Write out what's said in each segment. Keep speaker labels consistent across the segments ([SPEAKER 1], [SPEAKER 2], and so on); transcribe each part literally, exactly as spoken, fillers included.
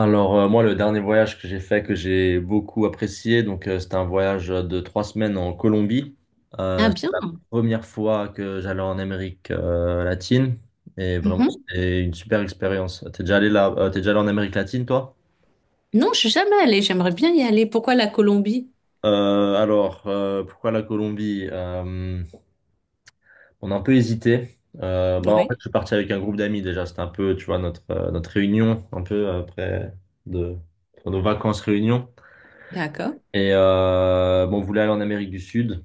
[SPEAKER 1] Alors, euh, moi, le dernier voyage que j'ai fait, que j'ai beaucoup apprécié, donc euh, c'était un voyage de trois semaines en Colombie.
[SPEAKER 2] Ah
[SPEAKER 1] Euh, c'était
[SPEAKER 2] bien.
[SPEAKER 1] la première fois que j'allais en Amérique euh, latine et vraiment,
[SPEAKER 2] Mhm.
[SPEAKER 1] c'était une super expérience. T'es déjà allé là, euh, t'es déjà allé en Amérique latine, toi?
[SPEAKER 2] Non, je suis jamais allée. J'aimerais bien y aller. Pourquoi la Colombie?
[SPEAKER 1] Euh, alors, euh, pourquoi la Colombie? Euh, on a un peu hésité. Euh, bah, en fait,
[SPEAKER 2] Oui.
[SPEAKER 1] je suis parti avec un groupe d'amis déjà. C'était un peu, tu vois, notre, euh, notre réunion, un peu après de, pour nos vacances réunion.
[SPEAKER 2] D'accord.
[SPEAKER 1] Et euh, bon, on voulait aller en Amérique du Sud.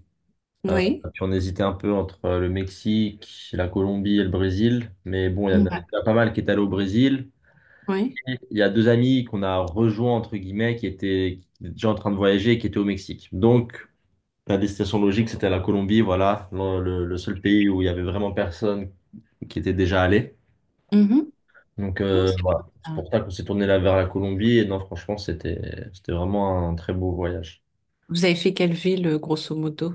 [SPEAKER 1] Euh,
[SPEAKER 2] Oui.
[SPEAKER 1] Puis on hésitait un peu entre euh, le Mexique, la Colombie et le Brésil. Mais bon, il y en
[SPEAKER 2] Ouais.
[SPEAKER 1] a, il y a pas mal qui est allé au Brésil.
[SPEAKER 2] Oui.
[SPEAKER 1] Et il y a deux amis qu'on a rejoints, entre guillemets, qui étaient, qui étaient déjà en train de voyager et qui étaient au Mexique. Donc, la destination logique, c'était la Colombie. Voilà, le, le- le seul pays où il y avait vraiment personne qui était déjà allé.
[SPEAKER 2] Mhm.
[SPEAKER 1] Donc,
[SPEAKER 2] Non,
[SPEAKER 1] euh,
[SPEAKER 2] c'est bien.
[SPEAKER 1] voilà. C'est
[SPEAKER 2] Ça.
[SPEAKER 1] pour ça qu'on s'est tourné là vers la Colombie. Et non, franchement, c'était, c'était vraiment un très beau voyage.
[SPEAKER 2] Vous avez fait quelle ville, euh, grosso modo?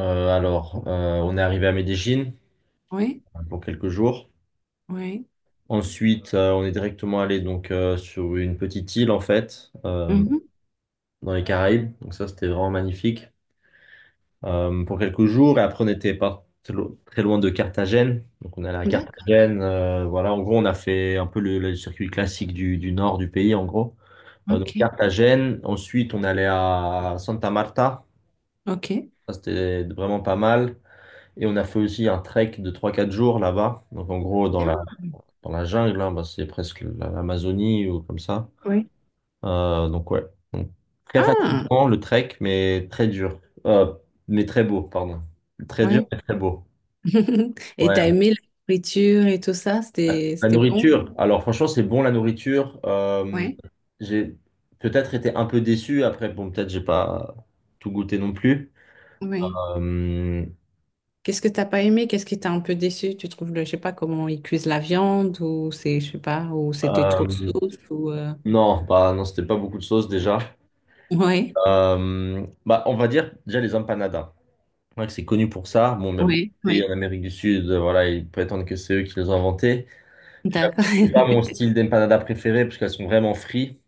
[SPEAKER 1] Euh, alors, euh, on est arrivé à Medellín
[SPEAKER 2] Oui.
[SPEAKER 1] pour quelques jours.
[SPEAKER 2] Oui.
[SPEAKER 1] Ensuite, euh, on est directement allé donc euh, sur une petite île en fait, euh,
[SPEAKER 2] Mhm.
[SPEAKER 1] dans les Caraïbes. Donc ça, c'était vraiment magnifique euh, pour quelques jours. Et après, on n'était pas très lo- très loin de Carthagène. Donc on est allé à
[SPEAKER 2] D'accord.
[SPEAKER 1] Carthagène. euh, voilà, en gros, on a fait un peu le, le circuit classique du, du nord du pays, en gros. Euh, donc
[SPEAKER 2] Ok.
[SPEAKER 1] Carthagène. Ensuite, on est allé à Santa Marta.
[SPEAKER 2] Ok.
[SPEAKER 1] Ça, c'était vraiment pas mal. Et on a fait aussi un trek de trois quatre jours là-bas. Donc en gros, dans la
[SPEAKER 2] Bien.
[SPEAKER 1] dans la jungle, hein, bah, c'est presque l'Amazonie ou comme ça.
[SPEAKER 2] Oui.
[SPEAKER 1] Euh, donc ouais, Donc, très
[SPEAKER 2] Ah.
[SPEAKER 1] fatigant le trek, mais très dur. Euh, mais très beau, pardon. Très dur,
[SPEAKER 2] Oui.
[SPEAKER 1] mais très beau.
[SPEAKER 2] Et t'as
[SPEAKER 1] Ouais.
[SPEAKER 2] aimé la nourriture et tout ça? C'était,
[SPEAKER 1] La
[SPEAKER 2] c'était bon?
[SPEAKER 1] nourriture. Alors franchement, c'est bon la nourriture. Euh,
[SPEAKER 2] Oui.
[SPEAKER 1] j'ai peut-être été un peu déçu. Après, bon, peut-être j'ai pas tout goûté non plus.
[SPEAKER 2] Oui.
[SPEAKER 1] Euh,
[SPEAKER 2] Qu'est-ce que t'as pas aimé? Qu'est-ce qui t'a un peu déçu? Tu trouves le, je sais pas comment ils cuisent la viande ou c'est, je sais pas, ou c'était trop de
[SPEAKER 1] euh,
[SPEAKER 2] sauce ou euh...
[SPEAKER 1] non, bah non, c'était pas beaucoup de sauce déjà.
[SPEAKER 2] Ouais,
[SPEAKER 1] Euh, bah, on va dire déjà les empanadas. Ouais, c'est connu pour ça. Bon, il y a beaucoup
[SPEAKER 2] ouais,
[SPEAKER 1] de pays
[SPEAKER 2] ouais.
[SPEAKER 1] en Amérique du Sud, euh, voilà, ils prétendent que c'est eux qui les ont inventés. J'avoue,
[SPEAKER 2] D'accord,
[SPEAKER 1] c'était pas mon style d'empanada préféré parce qu'elles sont vraiment frites.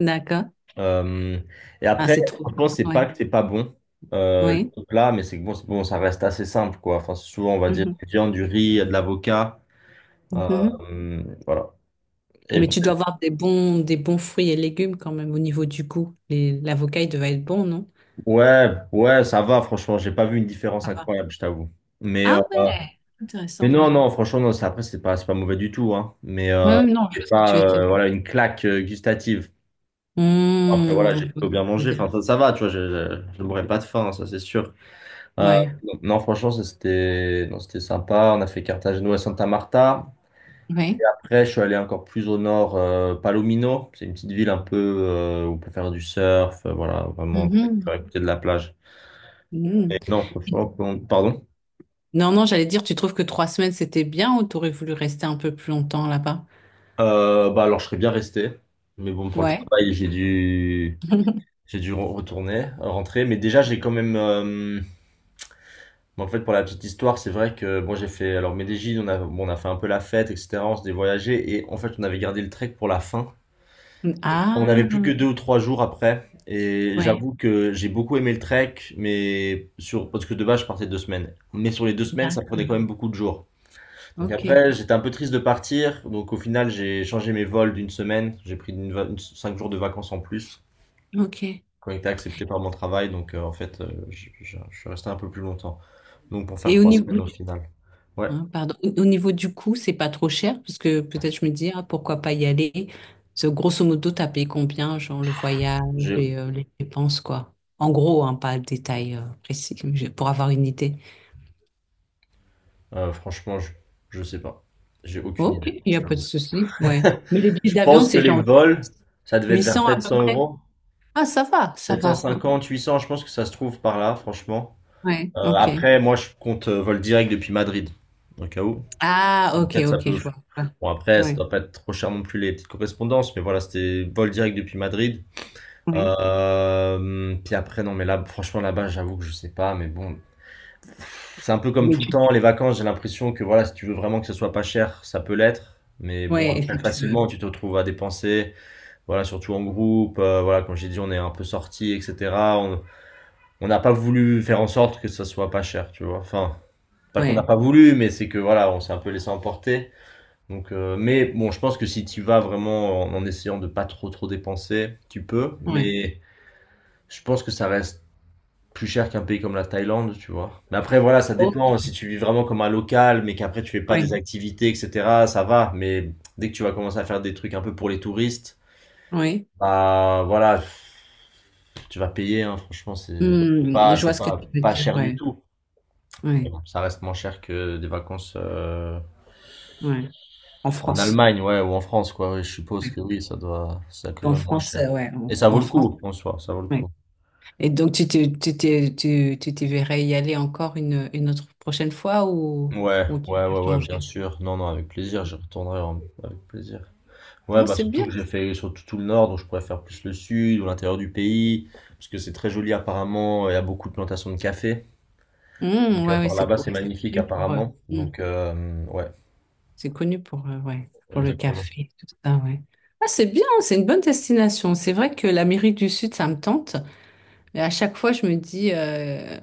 [SPEAKER 2] d'accord.
[SPEAKER 1] Euh, et
[SPEAKER 2] Ah,
[SPEAKER 1] après,
[SPEAKER 2] c'est trop gras.
[SPEAKER 1] franchement, c'est pas
[SPEAKER 2] Ouais,
[SPEAKER 1] que c'est pas bon, euh,
[SPEAKER 2] ouais.
[SPEAKER 1] le plat, mais c'est que bon, c'est bon, ça reste assez simple, quoi. Enfin, c'est souvent, on va dire,
[SPEAKER 2] Mhm,
[SPEAKER 1] du viande, du riz, de l'avocat.
[SPEAKER 2] mhm.
[SPEAKER 1] Euh, voilà. Et
[SPEAKER 2] Mais tu dois avoir des bons, des bons fruits et légumes quand même au niveau du goût. Les, l'avocat, il devait être bon, non?
[SPEAKER 1] ouais, ouais, ça va, franchement, j'ai pas vu une différence
[SPEAKER 2] Ça va.
[SPEAKER 1] incroyable, je t'avoue. Mais, euh,
[SPEAKER 2] Ah ouais,
[SPEAKER 1] Mais
[SPEAKER 2] intéressant,
[SPEAKER 1] non,
[SPEAKER 2] ouais.
[SPEAKER 1] non, franchement, non, ça, après, c'est pas, c'est pas mauvais du tout, hein. Mais
[SPEAKER 2] Ouais,
[SPEAKER 1] euh,
[SPEAKER 2] ouais, non, je vois
[SPEAKER 1] c'est
[SPEAKER 2] ce que tu
[SPEAKER 1] pas
[SPEAKER 2] veux dire.
[SPEAKER 1] euh, voilà, une claque euh, gustative. Après, voilà,
[SPEAKER 2] Mmh,
[SPEAKER 1] j'ai
[SPEAKER 2] je vois
[SPEAKER 1] plutôt
[SPEAKER 2] ce que tu
[SPEAKER 1] bien
[SPEAKER 2] veux
[SPEAKER 1] mangé.
[SPEAKER 2] dire.
[SPEAKER 1] Enfin, ça, ça va, tu vois, je ne mourrais pas de faim, hein, ça, c'est sûr. Euh,
[SPEAKER 2] Ouais,
[SPEAKER 1] non, franchement, ça, c'était non, c'était sympa. On a fait Cartagena et Santa Marta. Et
[SPEAKER 2] ouais.
[SPEAKER 1] après, je suis allé encore plus au nord, euh, Palomino. C'est une petite ville un peu euh, où on peut faire du surf, euh, voilà, vraiment,
[SPEAKER 2] Mhm,
[SPEAKER 1] à côté de la plage. Et
[SPEAKER 2] mhm.
[SPEAKER 1] non, franchement, pardon.
[SPEAKER 2] Non, non, j'allais dire, tu trouves que trois semaines, c'était bien ou t'aurais voulu rester un peu plus longtemps là-bas?
[SPEAKER 1] Euh, bah, alors, je serais bien resté. Mais bon, pour le
[SPEAKER 2] Ouais.
[SPEAKER 1] travail, j'ai dû. J'ai dû re- retourner, rentrer, mais déjà j'ai quand même. euh, En fait, pour la petite histoire, c'est vrai que bon, j'ai fait. Alors Medellin, on a, bon, on a fait un peu la fête, et cetera. On s'est voyagé et en fait, on avait gardé le trek pour la fin. On n'avait plus que
[SPEAKER 2] Ah,
[SPEAKER 1] deux ou trois jours après et
[SPEAKER 2] ouais.
[SPEAKER 1] j'avoue que j'ai beaucoup aimé le trek, mais sur parce que de base, je partais deux semaines. Mais sur les deux semaines, ça
[SPEAKER 2] Bah,
[SPEAKER 1] prenait quand même beaucoup de jours. Donc
[SPEAKER 2] ok,
[SPEAKER 1] après, j'étais un peu triste de partir. Donc au final, j'ai changé mes vols d'une semaine. J'ai pris une va- une- cinq jours de vacances en plus,
[SPEAKER 2] ok.
[SPEAKER 1] qui ont été acceptés par mon travail. Donc, euh, en fait, euh, je, je- je suis resté un peu plus longtemps. Donc, pour faire
[SPEAKER 2] Et au
[SPEAKER 1] trois semaines
[SPEAKER 2] niveau
[SPEAKER 1] au
[SPEAKER 2] du,
[SPEAKER 1] final. Ouais,
[SPEAKER 2] hein, pardon, au au niveau du coût, c'est pas trop cher, parce que peut-être je me dis, ah, pourquoi pas y aller? Parce que grosso modo, t'as payé combien, genre le voyage
[SPEAKER 1] j'ai,
[SPEAKER 2] et euh, les dépenses, quoi. En gros, hein, pas de détails euh, précis, mais je- pour avoir une idée.
[SPEAKER 1] euh, franchement, je, je sais pas. J'ai aucune
[SPEAKER 2] Ok,
[SPEAKER 1] idée.
[SPEAKER 2] il n'y
[SPEAKER 1] Je
[SPEAKER 2] a pas de
[SPEAKER 1] t'avoue.
[SPEAKER 2] souci, ouais. Mais les billets
[SPEAKER 1] Je
[SPEAKER 2] d'avion,
[SPEAKER 1] pense que
[SPEAKER 2] c'est
[SPEAKER 1] les
[SPEAKER 2] genre
[SPEAKER 1] vols, ça devait être
[SPEAKER 2] huit
[SPEAKER 1] vers
[SPEAKER 2] cents à peu
[SPEAKER 1] 700
[SPEAKER 2] près.
[SPEAKER 1] euros.
[SPEAKER 2] Ah, ça va, ça va.
[SPEAKER 1] sept cent cinquante, huit cents, je pense que ça se trouve par là, franchement.
[SPEAKER 2] Ouais,
[SPEAKER 1] Euh,
[SPEAKER 2] ok.
[SPEAKER 1] après, moi, je compte euh, vol direct depuis Madrid, au cas où.
[SPEAKER 2] Ah,
[SPEAKER 1] Donc,
[SPEAKER 2] ok,
[SPEAKER 1] peut-être ça
[SPEAKER 2] ok,
[SPEAKER 1] peut.
[SPEAKER 2] je vois. Ouais,
[SPEAKER 1] Bon, après, ça
[SPEAKER 2] ouais.
[SPEAKER 1] doit pas être trop cher non plus les petites correspondances, mais voilà, c'était vol direct depuis Madrid.
[SPEAKER 2] Ouais.
[SPEAKER 1] Euh, puis après, non, mais là, franchement, là-bas, j'avoue que je sais pas, mais bon, c'est un peu comme
[SPEAKER 2] Mais
[SPEAKER 1] tout le
[SPEAKER 2] tu...
[SPEAKER 1] temps, les vacances, j'ai l'impression que voilà, si tu veux vraiment que ce soit pas cher, ça peut l'être, mais bon,
[SPEAKER 2] Ouais,
[SPEAKER 1] après,
[SPEAKER 2] si tu
[SPEAKER 1] facilement,
[SPEAKER 2] veux.
[SPEAKER 1] tu te retrouves à dépenser, voilà, surtout en groupe, euh, voilà, comme j'ai dit, on est un peu sortis, et cetera. On on n'a pas voulu faire en sorte que ça soit pas cher, tu vois, enfin, pas qu'on n'a
[SPEAKER 2] Ouais,
[SPEAKER 1] pas voulu, mais c'est que voilà, on s'est un peu laissé emporter. Donc, euh, mais bon, je pense que si tu vas vraiment en, en essayant de pas trop trop dépenser, tu peux.
[SPEAKER 2] ouais.
[SPEAKER 1] Mais je pense que ça reste plus cher qu'un pays comme la Thaïlande, tu vois. Mais après, voilà, ça
[SPEAKER 2] Oh,
[SPEAKER 1] dépend. Si tu vis vraiment comme un local, mais qu'après tu fais pas des
[SPEAKER 2] ouais,
[SPEAKER 1] activités, et cetera, ça va. Mais dès que tu vas commencer à faire des trucs un peu pour les touristes,
[SPEAKER 2] ouais.
[SPEAKER 1] bah voilà, tu vas payer, hein. Franchement, c'est
[SPEAKER 2] Hmm,
[SPEAKER 1] pas,
[SPEAKER 2] je vois
[SPEAKER 1] c'est
[SPEAKER 2] ce que
[SPEAKER 1] pas,
[SPEAKER 2] tu veux
[SPEAKER 1] pas
[SPEAKER 2] dire.
[SPEAKER 1] cher du
[SPEAKER 2] Ouais,
[SPEAKER 1] tout. Mais
[SPEAKER 2] ouais,
[SPEAKER 1] bon, ça reste moins cher que des vacances euh,
[SPEAKER 2] ouais. En
[SPEAKER 1] en
[SPEAKER 2] France.
[SPEAKER 1] Allemagne, ouais, ou en France, quoi. Ouais, je suppose
[SPEAKER 2] Ouais.
[SPEAKER 1] que oui, ça doit, ça quand
[SPEAKER 2] En
[SPEAKER 1] même moins
[SPEAKER 2] France,
[SPEAKER 1] cher.
[SPEAKER 2] euh, ouais. En,
[SPEAKER 1] Et ça vaut
[SPEAKER 2] en
[SPEAKER 1] le
[SPEAKER 2] France,
[SPEAKER 1] coup, en soi, ça vaut le coup.
[SPEAKER 2] ouais. Et donc, tu te, tu te, tu, tu t'y verrais y aller encore une, une autre prochaine fois ou,
[SPEAKER 1] Ouais,
[SPEAKER 2] ou tu
[SPEAKER 1] ouais,
[SPEAKER 2] veux
[SPEAKER 1] ouais, ouais, bien
[SPEAKER 2] changer?
[SPEAKER 1] sûr. Non, non, avec plaisir, je retournerai en- avec plaisir. Ouais,
[SPEAKER 2] Non,
[SPEAKER 1] bah
[SPEAKER 2] c'est
[SPEAKER 1] surtout
[SPEAKER 2] bien.
[SPEAKER 1] que j'ai fait surtout tout le nord, donc je pourrais faire plus le sud ou l'intérieur du pays, parce que c'est très joli apparemment, il y a beaucoup de plantations de café.
[SPEAKER 2] Hmm,
[SPEAKER 1] Donc euh,
[SPEAKER 2] ouais, ouais,
[SPEAKER 1] par
[SPEAKER 2] c'est
[SPEAKER 1] là-bas, c'est
[SPEAKER 2] ouais, c'est
[SPEAKER 1] magnifique
[SPEAKER 2] cool pour eux.
[SPEAKER 1] apparemment. Donc euh, ouais,
[SPEAKER 2] C'est connu pour, euh, ouais, pour le
[SPEAKER 1] exactement.
[SPEAKER 2] café, tout ça, ouais. Ah, c'est bien, c'est une bonne destination. C'est vrai que l'Amérique du Sud, ça me tente, mais à chaque fois, je me dis, euh,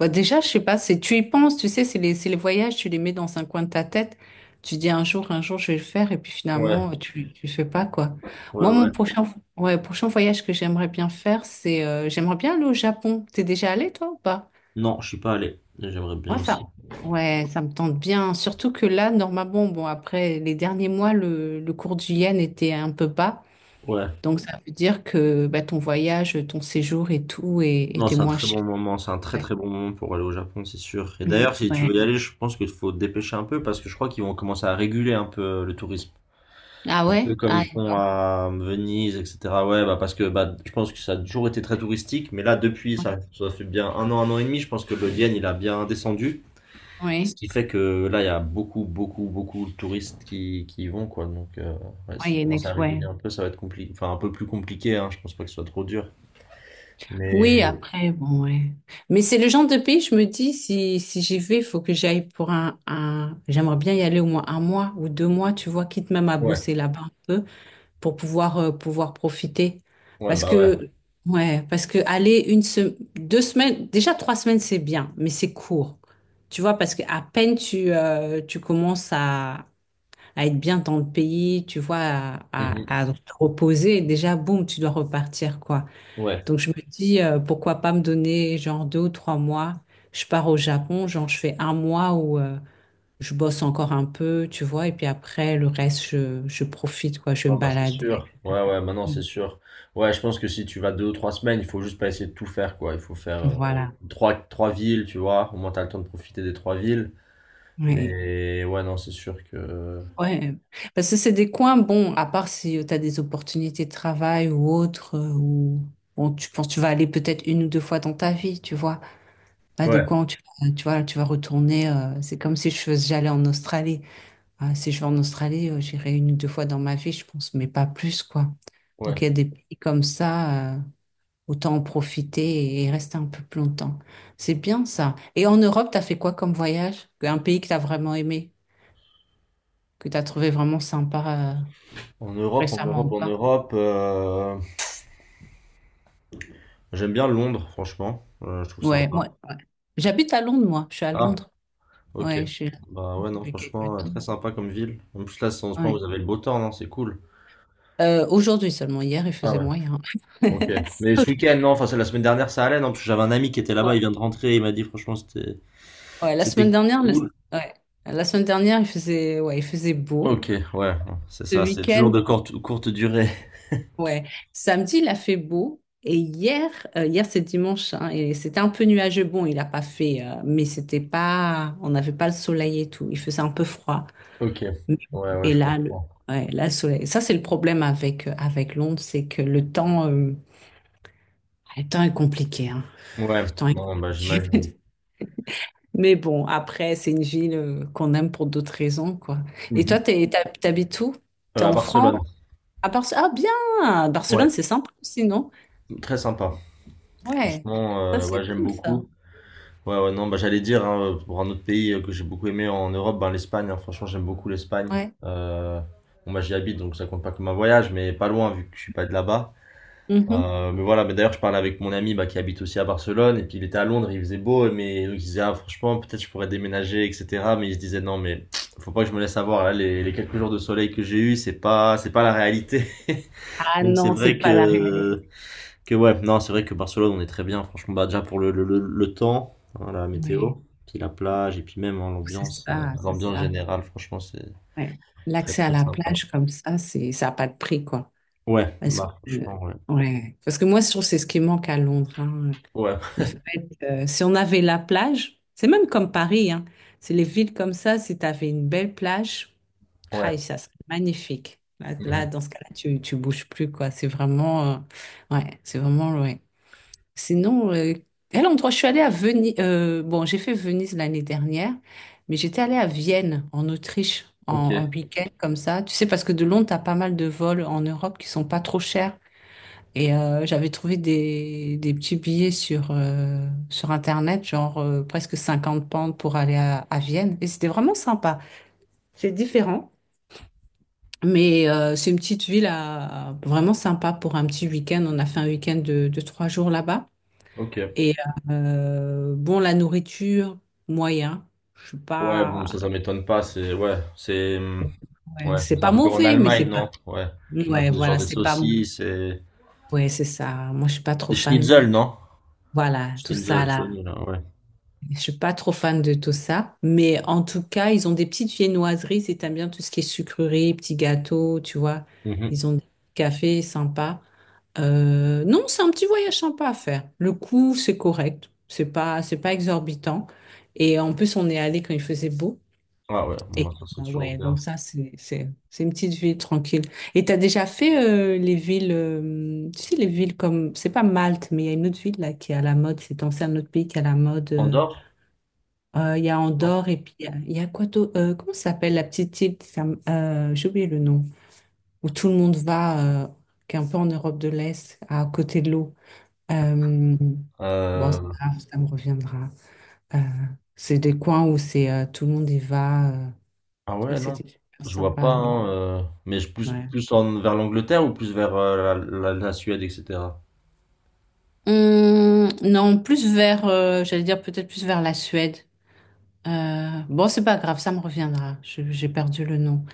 [SPEAKER 2] bah, déjà, je sais pas, c'est, tu y penses, tu sais, c'est les, c'est les voyages, tu les mets dans un coin de ta tête, tu dis un jour, un jour, je vais le faire, et puis
[SPEAKER 1] Ouais,
[SPEAKER 2] finalement, tu, tu le fais pas, quoi.
[SPEAKER 1] ouais,
[SPEAKER 2] Moi, mon
[SPEAKER 1] ouais.
[SPEAKER 2] prochain, ouais, prochain voyage que j'aimerais bien faire, c'est, euh, j'aimerais bien aller au Japon. T'es déjà allé, toi, ou pas?
[SPEAKER 1] Non, je suis pas allé, j'aimerais bien
[SPEAKER 2] Moi ça,
[SPEAKER 1] aussi.
[SPEAKER 2] ouais, ça me tente bien. Surtout que là, normalement, bon, après les derniers mois, le, le cours du yen était un peu bas.
[SPEAKER 1] Ouais.
[SPEAKER 2] Donc, ça veut dire que bah, ton voyage, ton séjour et tout est-
[SPEAKER 1] Non,
[SPEAKER 2] était
[SPEAKER 1] c'est un
[SPEAKER 2] moins
[SPEAKER 1] très
[SPEAKER 2] cher.
[SPEAKER 1] bon moment, c'est un très
[SPEAKER 2] Ouais.
[SPEAKER 1] très bon moment pour aller au Japon, c'est sûr. Et
[SPEAKER 2] Mm,
[SPEAKER 1] d'ailleurs, si tu veux
[SPEAKER 2] ouais.
[SPEAKER 1] y aller, je pense qu'il faut te dépêcher un peu, parce que je crois qu'ils vont commencer à réguler un peu le tourisme.
[SPEAKER 2] Ah
[SPEAKER 1] Un peu
[SPEAKER 2] ouais?
[SPEAKER 1] comme
[SPEAKER 2] Ah,
[SPEAKER 1] ils
[SPEAKER 2] oui,
[SPEAKER 1] font à Venise, et cetera. Ouais, bah parce que bah, je pense que ça a toujours été très touristique, mais là, depuis, ça, ça fait bien un an, un an et demi, je pense que le yen, il a bien descendu. Ce
[SPEAKER 2] oui.
[SPEAKER 1] qui fait que là, il y a beaucoup, beaucoup, beaucoup de touristes qui, qui y vont, quoi. Donc, euh, ouais,
[SPEAKER 2] Ouais, il y
[SPEAKER 1] s'ils
[SPEAKER 2] a une
[SPEAKER 1] commencent à
[SPEAKER 2] ex- ouais.
[SPEAKER 1] réguler un peu, ça va être compliqué. Enfin, un peu plus compliqué, hein. Je pense pas que ce soit trop dur. Mais
[SPEAKER 2] Oui, après, bon, ouais. Mais c'est le genre de pays, je me dis, si, si j'y vais, il faut que j'aille pour un, un... J'aimerais bien y aller au moins un mois ou deux mois, tu vois, quitte même à
[SPEAKER 1] ouais,
[SPEAKER 2] bosser là-bas. Un peu pour pouvoir, euh, pouvoir profiter.
[SPEAKER 1] ouais,
[SPEAKER 2] Parce
[SPEAKER 1] bah ouais.
[SPEAKER 2] que, ouais, parce que aller une se- deux semaines, déjà trois semaines, c'est bien, mais c'est court. Tu vois, parce qu'à peine tu, euh, tu commences à, à être bien dans le pays, tu vois, à,
[SPEAKER 1] Mhm.
[SPEAKER 2] à, à te reposer, déjà, boum, tu dois repartir, quoi.
[SPEAKER 1] Ouais.
[SPEAKER 2] Donc, je me dis, euh, pourquoi pas me donner genre deux ou trois mois. Je pars au Japon, genre, je fais un mois où, euh, je bosse encore un peu, tu vois, et puis après, le reste, je, je profite, quoi, je vais me
[SPEAKER 1] Non, bah, c'est
[SPEAKER 2] balader.
[SPEAKER 1] sûr. Ouais, ouais, maintenant c'est sûr. Ouais, je pense que si tu vas deux ou trois semaines, il faut juste pas essayer de tout faire, quoi. Il faut faire euh,
[SPEAKER 2] Voilà,
[SPEAKER 1] trois, trois villes, tu vois. Au moins, t'as le temps de profiter des trois villes.
[SPEAKER 2] oui.
[SPEAKER 1] Mais ouais, non, c'est sûr que.
[SPEAKER 2] Ouais. Parce que c'est des coins, bon, à part si tu as des opportunités de travail ou autres, euh, ou bon, tu penses tu vas aller peut-être une ou deux fois dans ta vie, tu vois. Pas des
[SPEAKER 1] Ouais,
[SPEAKER 2] coins où tu, vas- tu vois, tu vas retourner. euh, c'est comme si je faisais, j'allais en Australie. Ah, si je vais en Australie, euh, j'irai une ou deux fois dans ma vie, je pense, mais pas plus, quoi.
[SPEAKER 1] ouais.
[SPEAKER 2] Donc il y a des pays comme ça, euh, autant en profiter et rester un peu plus longtemps. C'est bien ça. Et en Europe, tu as fait quoi comme voyage? Un pays que tu as vraiment aimé? Que tu as trouvé vraiment sympa euh,
[SPEAKER 1] En Europe, en
[SPEAKER 2] récemment ou
[SPEAKER 1] Europe, en
[SPEAKER 2] pas?
[SPEAKER 1] Europe, euh, j'aime bien Londres, franchement. Euh, je trouve
[SPEAKER 2] Ouais,
[SPEAKER 1] sympa.
[SPEAKER 2] moi, ouais. J'habite à Londres, moi. Je suis à
[SPEAKER 1] Ah,
[SPEAKER 2] Londres.
[SPEAKER 1] ok.
[SPEAKER 2] Ouais, je suis là
[SPEAKER 1] Bah ouais, non,
[SPEAKER 2] depuis quelques
[SPEAKER 1] franchement, euh,
[SPEAKER 2] temps.
[SPEAKER 1] très sympa comme ville. En plus, là, en ce moment,
[SPEAKER 2] Ouais.
[SPEAKER 1] vous avez le beau temps, non? C'est cool.
[SPEAKER 2] Euh, aujourd'hui seulement. Hier, il faisait moyen.
[SPEAKER 1] Ok. Mais ce week-end, non, enfin, c'est la semaine dernière, ça allait, non, parce que j'avais un ami qui était là-bas,
[SPEAKER 2] Ouais,
[SPEAKER 1] il vient de rentrer, il m'a dit, franchement, c'était,
[SPEAKER 2] ouais, la
[SPEAKER 1] c'était
[SPEAKER 2] semaine dernière, le-
[SPEAKER 1] cool.
[SPEAKER 2] ouais, la semaine dernière, il faisait, ouais, il faisait beau.
[SPEAKER 1] Ok, ouais, c'est
[SPEAKER 2] Ce
[SPEAKER 1] ça, c'est toujours
[SPEAKER 2] week-end,
[SPEAKER 1] de courte, courte durée.
[SPEAKER 2] ouais, samedi, il a fait beau. Et hier, euh, hier c'est dimanche, hein, et c'était un peu nuageux. Bon, il n'a pas fait, euh, mais c'était pas, on n'avait pas le soleil et tout. Il faisait un peu froid.
[SPEAKER 1] Ok. Ouais, ouais,
[SPEAKER 2] Et
[SPEAKER 1] je
[SPEAKER 2] là, le,
[SPEAKER 1] comprends.
[SPEAKER 2] ouais, là, le soleil. Ça, c'est le problème avec, avec Londres, c'est que le temps, euh, le temps est compliqué, hein.
[SPEAKER 1] Ouais,
[SPEAKER 2] Le temps est
[SPEAKER 1] non, bah,
[SPEAKER 2] compliqué.
[SPEAKER 1] j'imagine.
[SPEAKER 2] Mais bon, après, c'est une ville euh, qu'on aime pour d'autres raisons, quoi. Et toi,
[SPEAKER 1] Mhm.
[SPEAKER 2] t'es, t'hab- t'habites où?
[SPEAKER 1] Euh,
[SPEAKER 2] T'es
[SPEAKER 1] à
[SPEAKER 2] en France?
[SPEAKER 1] Barcelone.
[SPEAKER 2] À Bar- Ah, bien! Barcelone,
[SPEAKER 1] Ouais,
[SPEAKER 2] c'est sympa aussi, non?
[SPEAKER 1] très sympa.
[SPEAKER 2] Ouais.
[SPEAKER 1] Franchement,
[SPEAKER 2] Ça,
[SPEAKER 1] euh, ouais,
[SPEAKER 2] c'est
[SPEAKER 1] j'aime
[SPEAKER 2] cool, ça.
[SPEAKER 1] beaucoup. Ouais, ouais, non, bah, j'allais dire, hein, pour un autre pays euh, que j'ai beaucoup aimé en Europe, ben, l'Espagne, hein. Franchement, j'aime beaucoup l'Espagne.
[SPEAKER 2] Ouais.
[SPEAKER 1] Euh, bon, bah, j'y habite, donc ça compte pas comme un voyage, mais pas loin, vu que je suis pas de là-bas.
[SPEAKER 2] Mhm.
[SPEAKER 1] Euh, mais voilà, mais d'ailleurs, je parlais avec mon ami bah, qui habite aussi à Barcelone, et puis il était à Londres, il faisait beau, mais donc, il disait, ah, franchement, peut-être je pourrais déménager, et cetera. Mais il se disait, non, mais faut pas que je me laisse avoir, là, les, les quelques jours de soleil que j'ai eu, c'est pas, c'est pas la réalité.
[SPEAKER 2] Ah
[SPEAKER 1] Donc c'est
[SPEAKER 2] non,
[SPEAKER 1] vrai
[SPEAKER 2] c'est pas la réalité.
[SPEAKER 1] que, que ouais, non, c'est vrai que Barcelone, on est très bien, franchement, bah, déjà pour le, le, le, le temps, hein, la météo,
[SPEAKER 2] Oui,
[SPEAKER 1] puis la plage, et puis même hein,
[SPEAKER 2] c'est
[SPEAKER 1] l'ambiance, euh,
[SPEAKER 2] ça, c'est
[SPEAKER 1] l'ambiance
[SPEAKER 2] ça.
[SPEAKER 1] générale, franchement, c'est
[SPEAKER 2] Ouais.
[SPEAKER 1] très
[SPEAKER 2] L'accès à
[SPEAKER 1] très
[SPEAKER 2] la
[SPEAKER 1] sympa.
[SPEAKER 2] plage comme ça, c'est, ça n'a pas de prix, quoi.
[SPEAKER 1] Ouais,
[SPEAKER 2] Est-ce
[SPEAKER 1] bah,
[SPEAKER 2] que,
[SPEAKER 1] franchement, ouais.
[SPEAKER 2] ouais. Parce que moi, je trouve que c'est ce qui manque à Londres, hein.
[SPEAKER 1] Ouais,
[SPEAKER 2] Le fait, euh, si on avait la plage, c'est même comme Paris, hein. C'est les villes comme ça, si tu avais une belle plage,
[SPEAKER 1] ouais.
[SPEAKER 2] aïe, ça serait magnifique. Là, là,
[SPEAKER 1] Mhm.
[SPEAKER 2] dans ce cas-là, tu, tu bouges plus, quoi. C'est vraiment, euh, ouais, c'est vraiment, ouais. Sinon, euh, quel endroit je suis allée à Venise, euh, bon, j'ai fait Venise l'année dernière, mais j'étais allée à Vienne, en Autriche, en,
[SPEAKER 1] Ok,
[SPEAKER 2] en week-end, comme ça. Tu sais, parce que de Londres, tu as pas mal de vols en Europe qui sont pas trop chers. Et euh, j'avais trouvé des, des petits billets sur, euh, sur Internet, genre euh, presque cinquante pentes pour aller à, à Vienne. Et c'était vraiment sympa. C'est différent, mais euh, c'est une petite ville à, vraiment sympa pour un petit week-end. On a fait un week-end de, de trois jours là-bas.
[SPEAKER 1] ok.
[SPEAKER 2] Et euh, bon, la nourriture, moyen. Je suis
[SPEAKER 1] Ouais, bon, ça,
[SPEAKER 2] pas...
[SPEAKER 1] ça m'étonne pas. C'est, ouais, c'est, hum,
[SPEAKER 2] ouais,
[SPEAKER 1] ouais,
[SPEAKER 2] c'est
[SPEAKER 1] c'est un
[SPEAKER 2] pas
[SPEAKER 1] peu comme en
[SPEAKER 2] mauvais, mais c'est
[SPEAKER 1] Allemagne,
[SPEAKER 2] pas...
[SPEAKER 1] non? Ouais. Ouais,
[SPEAKER 2] Ouais,
[SPEAKER 1] c'est genre
[SPEAKER 2] voilà,
[SPEAKER 1] des
[SPEAKER 2] c'est pas...
[SPEAKER 1] saucisses et
[SPEAKER 2] Ouais, c'est ça. Moi, je suis pas trop
[SPEAKER 1] des
[SPEAKER 2] fan.
[SPEAKER 1] schnitzel, non?
[SPEAKER 2] Voilà, tout ça
[SPEAKER 1] Schnitzel
[SPEAKER 2] là.
[SPEAKER 1] connu, là, ouais.
[SPEAKER 2] Je suis pas trop fan de tout ça, mais en tout cas, ils ont des petites viennoiseries si t'aimes bien tout ce qui est sucreries, petits gâteaux, tu vois.
[SPEAKER 1] Mhm.
[SPEAKER 2] Ils ont des cafés sympas. Euh, non, c'est un petit voyage sympa à faire. Le coût, c'est correct. C'est pas, c'est pas exorbitant. Et en plus, on est allé quand il faisait beau.
[SPEAKER 1] Ah ouais,
[SPEAKER 2] Et
[SPEAKER 1] moi, ça, c'est
[SPEAKER 2] euh,
[SPEAKER 1] toujours
[SPEAKER 2] ouais,
[SPEAKER 1] bien.
[SPEAKER 2] donc ça, c'est, c'est, c'est une petite ville tranquille. Et t'as déjà fait euh, les villes, euh, tu sais, les villes comme, c'est pas Malte, mais il y a une autre ville là qui est à la mode. C'est dans un autre pays qui est à la mode. euh,
[SPEAKER 1] Andorre,
[SPEAKER 2] euh, Il y a
[SPEAKER 1] non?
[SPEAKER 2] Andorre et puis il y a, il y a quoi d'autre. Euh, comment ça s'appelle la petite île? ça me- euh, j'ai oublié le nom. Où tout le monde va, euh, qui est un peu en Europe de l'Est, à côté de l'eau. Euh, bon, ça,
[SPEAKER 1] Euh,
[SPEAKER 2] ça me reviendra. Euh, c'est des coins où c'est euh, tout le monde y va. euh,
[SPEAKER 1] ah
[SPEAKER 2] je trouvais
[SPEAKER 1] ouais,
[SPEAKER 2] que
[SPEAKER 1] non.
[SPEAKER 2] c'était super
[SPEAKER 1] Je vois pas,
[SPEAKER 2] sympa. Bon,
[SPEAKER 1] hein, euh, mais je- plus,
[SPEAKER 2] ouais.
[SPEAKER 1] plus en, vers l'Angleterre ou plus vers euh, la, la, la Suède, et cetera
[SPEAKER 2] Hum, non, plus vers, euh, j'allais dire peut-être plus vers la Suède. Euh, bon, c'est pas grave, ça me reviendra. Je- J'ai perdu le nom.